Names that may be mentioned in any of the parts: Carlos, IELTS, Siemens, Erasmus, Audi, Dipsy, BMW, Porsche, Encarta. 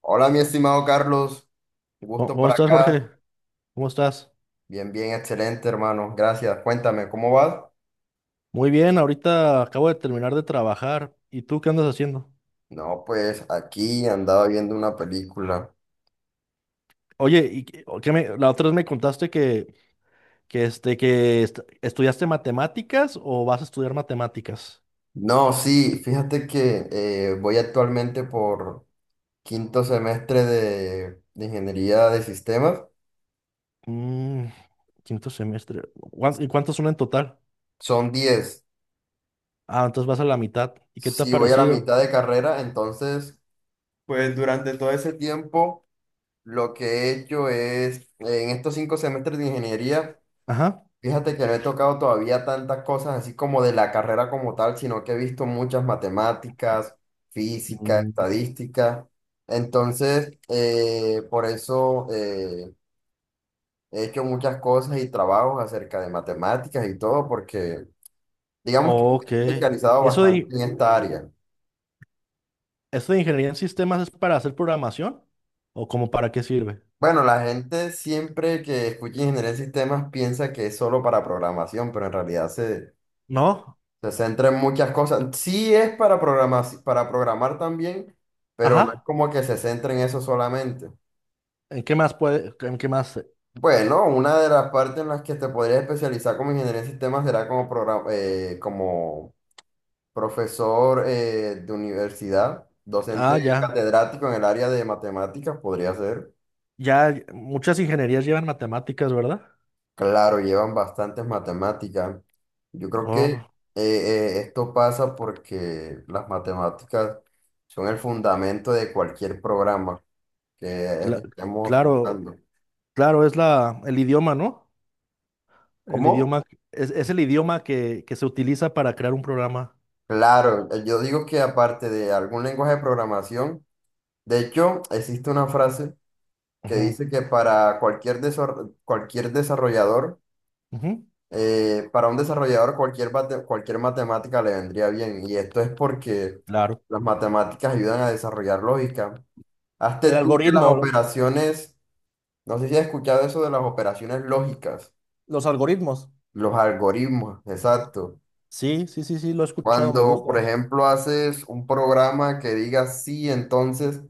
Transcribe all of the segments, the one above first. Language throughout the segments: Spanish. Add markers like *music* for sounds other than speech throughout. Hola, mi estimado Carlos, ¿Cómo gusto cómo para estás, Jorge? acá. ¿Cómo estás? Bien, bien, excelente, hermano. Gracias. Cuéntame, ¿cómo vas? Muy bien, ahorita acabo de terminar de trabajar. ¿Y tú qué andas haciendo? No, pues aquí andaba viendo una película. Oye, ¿y qué o la otra vez me contaste que estudiaste matemáticas o vas a estudiar matemáticas? No, sí, fíjate que voy actualmente por 5.º semestre de ingeniería de sistemas. Mm, quinto semestre. ¿Y cuántos son en total? Son 10. Ah, entonces vas a la mitad. ¿Y qué te ha Si voy a la parecido? mitad de carrera, entonces, pues durante todo ese tiempo, lo que he hecho es, en estos 5 semestres de ingeniería. Ajá. Fíjate que no he tocado todavía tantas cosas así como de la carrera como tal, sino que he visto muchas matemáticas, física, Mm, estadística. Entonces, por eso he hecho muchas cosas y trabajos acerca de matemáticas y todo, porque digamos que me ok. he especializado ¿Eso de, bastante en esta área. eso de ingeniería en sistemas es para hacer programación? ¿O como para qué sirve? Bueno, la gente siempre que escucha ingeniería de sistemas piensa que es solo para programación, pero en realidad se No. Se centra en muchas cosas. Sí es para programar también, pero no es Ajá. como que se centra en eso solamente. ¿En qué más puede, en qué más? Bueno, una de las partes en las que te podrías especializar como ingeniería en sistemas será como, como profesor de universidad, docente Ah, ya, catedrático en el área de matemáticas, podría ser. ya, muchas ingenierías llevan matemáticas, ¿verdad? Claro, llevan bastantes matemáticas. Yo creo que Oh, esto pasa porque las matemáticas son el fundamento de cualquier programa que cla- estemos claro, usando. claro, es la, el idioma, ¿no? El ¿Cómo? idioma, es el idioma que se utiliza para crear un programa. Claro, yo digo que aparte de algún lenguaje de programación, de hecho, existe una frase que Ujú, dice que para cualquier desarrollador, ujú, para un desarrollador cualquier matemática le vendría bien. Y esto es porque claro. las matemáticas ayudan a desarrollar lógica. Hazte El tú que las operaciones, no sé si has escuchado eso de las operaciones lógicas, los algoritmos. los algoritmos, exacto. Sí, sí, sí, sí, lo he escuchado, me Cuando, gusta. por ejemplo, haces un programa que diga sí, entonces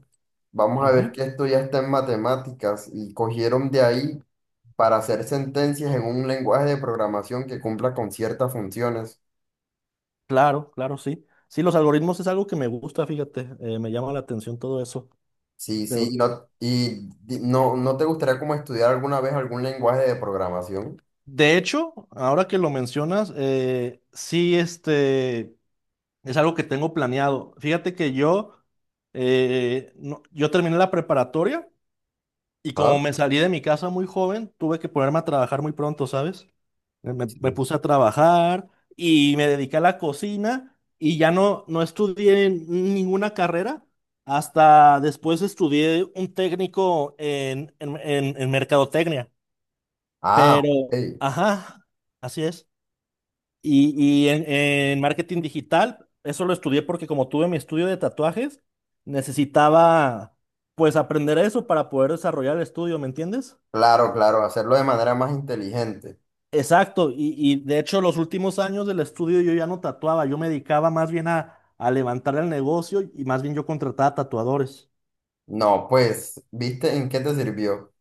vamos a ver Ujú, que esto ya está en matemáticas y cogieron de ahí para hacer sentencias en un lenguaje de programación que cumpla con ciertas funciones. claro, claro, sí. Sí, los algoritmos es algo que me gusta, fíjate, me llama la atención todo eso. Sí, sí, ¿no te gustaría como estudiar alguna vez algún lenguaje de programación? De hecho, ahora que lo mencionas, sí, este, es algo que tengo planeado. Fíjate que yo, no- yo terminé la preparatoria y como Ajá. me salí de mi casa muy joven, tuve que ponerme a trabajar muy pronto, ¿sabes? Me Sí. puse a trabajar y me dediqué a la cocina y ya no, no estudié ninguna carrera. Hasta después estudié un técnico en mercadotecnia. Ah, Pero, ok. ajá, así es. Y, y en marketing digital, eso lo estudié porque como tuve mi estudio de tatuajes, necesitaba pues aprender eso para poder desarrollar el estudio, ¿me entiendes? Claro, claro, hacerlo de manera más inteligente. Exacto, y de hecho los últimos años del estudio yo ya no tatuaba, yo me dedicaba más bien a levantar el negocio y más bien yo contrataba tatuadores. No, pues, ¿viste en qué te sirvió?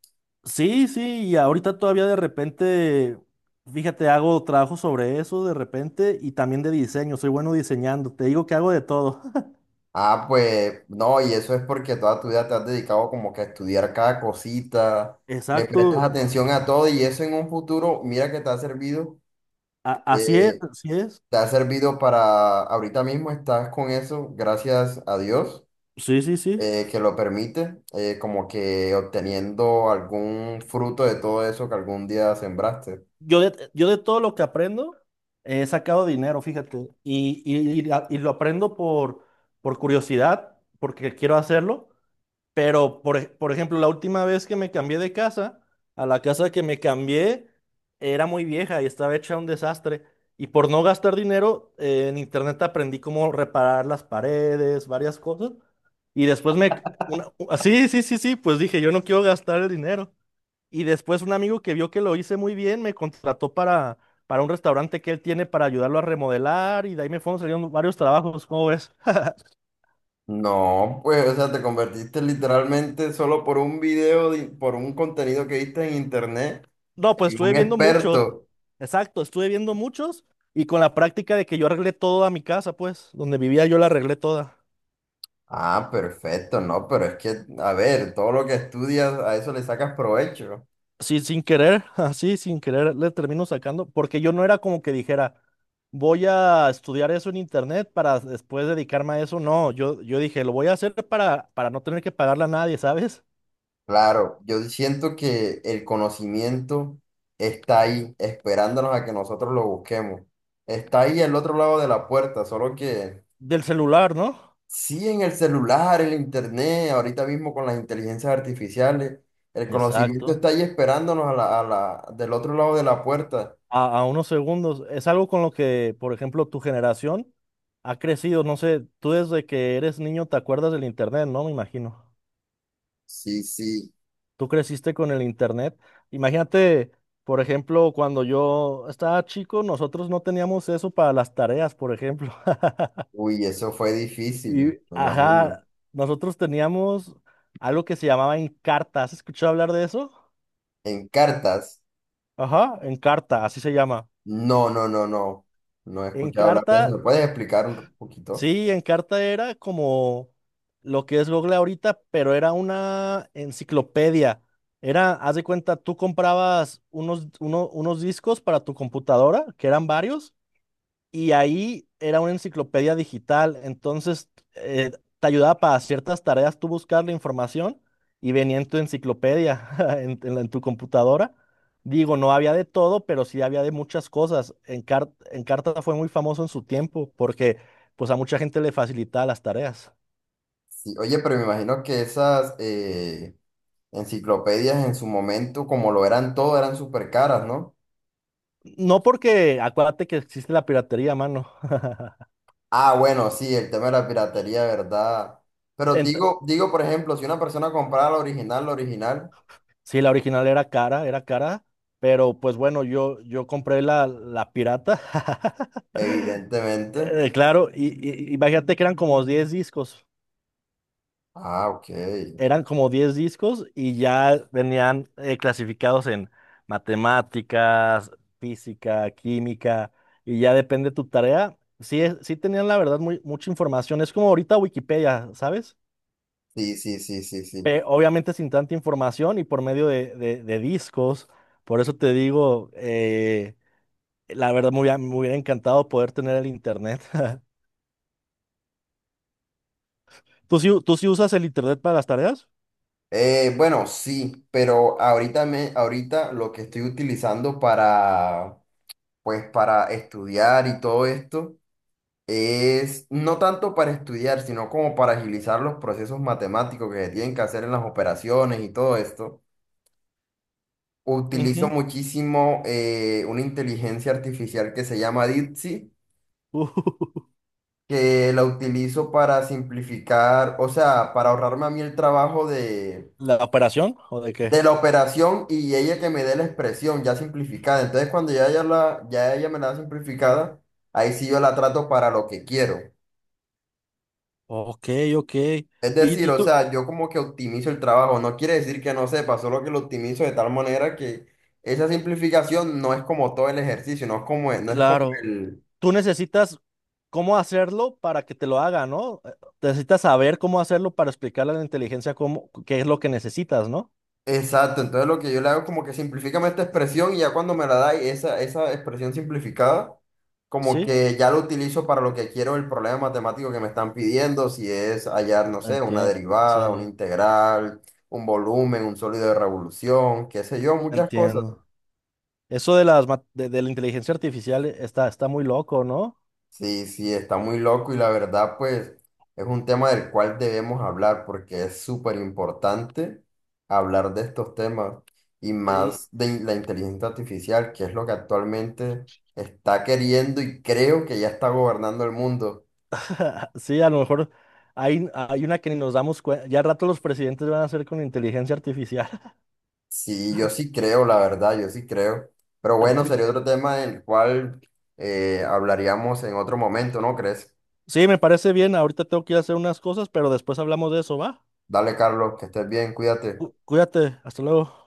Sí, sí, y ahorita todavía de repente, fíjate, hago trabajo sobre eso de repente y también de diseño, soy bueno diseñando, te digo que hago de todo. *laughs* Ah, pues no, y eso es porque toda tu vida te has dedicado como que a estudiar cada cosita, le prestas Exacto, atención a todo y eso en un futuro, mira que así es, eh, así es. te ha servido para, ahorita mismo estás con eso, gracias a Dios, Sí, sí, sí. Que lo permite, como que obteniendo algún fruto de todo eso que algún día sembraste. Yo de todo lo que aprendo he sacado dinero, fíjate. Y lo aprendo por curiosidad, porque quiero hacerlo. Pero, por ejemplo, la última vez que me cambié de casa, a la casa que me cambié era muy vieja y estaba hecha un desastre. Y por no gastar dinero, en internet aprendí cómo reparar las paredes, varias cosas. Y después me... Una, ah, sí, sí, sí, sí, pues dije, yo no quiero gastar el dinero. Y después un amigo que vio que lo hice muy bien me contrató para un restaurante que él tiene para ayudarlo a remodelar y de ahí me fueron saliendo varios trabajos, ¿cómo ves? *laughs* No, pues, o sea, te convertiste literalmente solo por un video, por un contenido que viste en internet, No, pues en estuve un viendo muchos. experto. Exacto, estuve viendo muchos y con la práctica de que yo arreglé toda mi casa, pues, donde vivía yo la arreglé toda. Ah, perfecto, no, pero es que, a ver, todo lo que estudias, a eso le sacas provecho. Sí, sin querer, *laughs* así, sin querer, le termino sacando, porque yo no era como que dijera, voy a estudiar eso en internet para después dedicarme a eso. No, yo dije, lo voy a hacer para no tener que pagarle a nadie, ¿sabes? Claro, yo siento que el conocimiento está ahí, esperándonos a que nosotros lo busquemos. Está ahí al otro lado de la puerta, solo que Del celular, ¿no? sí en el celular, en el internet, ahorita mismo con las inteligencias artificiales, el conocimiento Exacto. está ahí esperándonos a del otro lado de la puerta. A unos segundos. Es algo con lo que, por ejemplo, tu generación ha crecido. No sé, tú desde que eres niño te acuerdas del internet, ¿no? Me imagino. Sí, sí. Tú creciste con el internet. Imagínate, por ejemplo, cuando yo estaba chico, nosotros no teníamos eso para las tareas, por ejemplo. *laughs* Uy, eso fue difícil, Y, me imagino. ajá, nosotros teníamos algo que se llamaba Encarta. ¿Has escuchado hablar de eso? En cartas. Ajá, Encarta, así se llama. No, no, no, no. No he escuchado hablar de Encarta, eso. ¿Me puedes explicar un poquito? sí, Encarta era como lo que es Google ahorita, pero era una enciclopedia. Era, haz de cuenta, tú comprabas unos discos para tu computadora, que eran varios, y ahí era una enciclopedia digital, entonces eh, te ayudaba para ciertas tareas tú buscar la información y venía en tu enciclopedia, *laughs* en tu computadora. Digo, no había de todo, pero sí había de muchas cosas. Encarta fue muy famoso en su tiempo porque pues a mucha gente le facilitaba las tareas. Sí, oye, pero me imagino que esas enciclopedias en su momento, como lo eran todo, eran súper caras, ¿no? No porque, acuérdate que existe la piratería, mano. Ah, bueno, sí, el tema de la piratería, ¿verdad? *laughs* Pero Ent- digo, digo, por ejemplo, si una persona comprara la original, sí, la original era cara, pero pues bueno, yo compré la, la pirata. *laughs* evidentemente. Claro, imagínate que eran como 10 discos, Ah, ok. eran como 10 discos y ya venían clasificados en matemáticas, física, química, y ya depende tu tarea. Sí, sí tenían la verdad muy, mucha información, es como ahorita Wikipedia, ¿sabes? Sí, sí, sí, sí, sí. Obviamente sin tanta información y por medio de discos, por eso te digo, la verdad me hubiera encantado poder tener el internet. *laughs* ¿Tú sí usas el internet para las tareas? Bueno, sí, pero ahorita lo que estoy utilizando para pues para estudiar y todo esto, es no tanto para estudiar, sino como para agilizar los procesos matemáticos que se tienen que hacer en las operaciones y todo esto. Utilizo Ujú. muchísimo una inteligencia artificial que se llama Dipsy, *laughs* que la utilizo para simplificar, o sea, para ahorrarme a mí el trabajo ¿La operación o de qué? de la operación y ella que me dé la expresión ya simplificada. Entonces, cuando ya ella me la da simplificada, ahí sí yo la trato para lo que quiero. Ok, ok. Es Y, decir, y o tú, sea, yo como que optimizo el trabajo, no quiere decir que no sepa, solo que lo optimizo de tal manera que esa simplificación no es como todo el ejercicio, no es como claro, el... tú necesitas cómo hacerlo para que te lo haga, ¿no? Necesitas saber cómo hacerlo para explicarle a la inteligencia cómo, qué es lo que necesitas, ¿no? Exacto, entonces lo que yo le hago es como que simplifícame esta expresión y ya cuando me la da esa expresión simplificada, como Sí, que ya lo utilizo para lo que quiero el problema matemático que me están pidiendo, si es hallar, no sé, una entiendo. derivada, una Sí, integral, un volumen, un sólido de revolución, qué sé yo, muchas cosas. entiendo. Eso de las de la inteligencia artificial está, está muy loco, ¿no? Sí, sí, está muy loco y la verdad, pues, es un tema del cual debemos hablar porque es súper importante hablar de estos temas y más de la inteligencia artificial, que es lo que actualmente está queriendo y creo que ya está gobernando el mundo. *laughs* Sí, a lo mejor hay, hay una que ni nos damos cuenta. Ya al rato los presidentes van a hacer con inteligencia artificial. Sí, yo sí creo, la verdad, yo sí creo. Pero *laughs* bueno, Pri- sería otro tema del cual hablaríamos en otro momento, ¿no crees? sí, me parece bien. Ahorita tengo que ir a hacer unas cosas, pero después hablamos de eso, ¿va? Dale, Carlos, que estés bien, cuídate. Cuídate, hasta luego.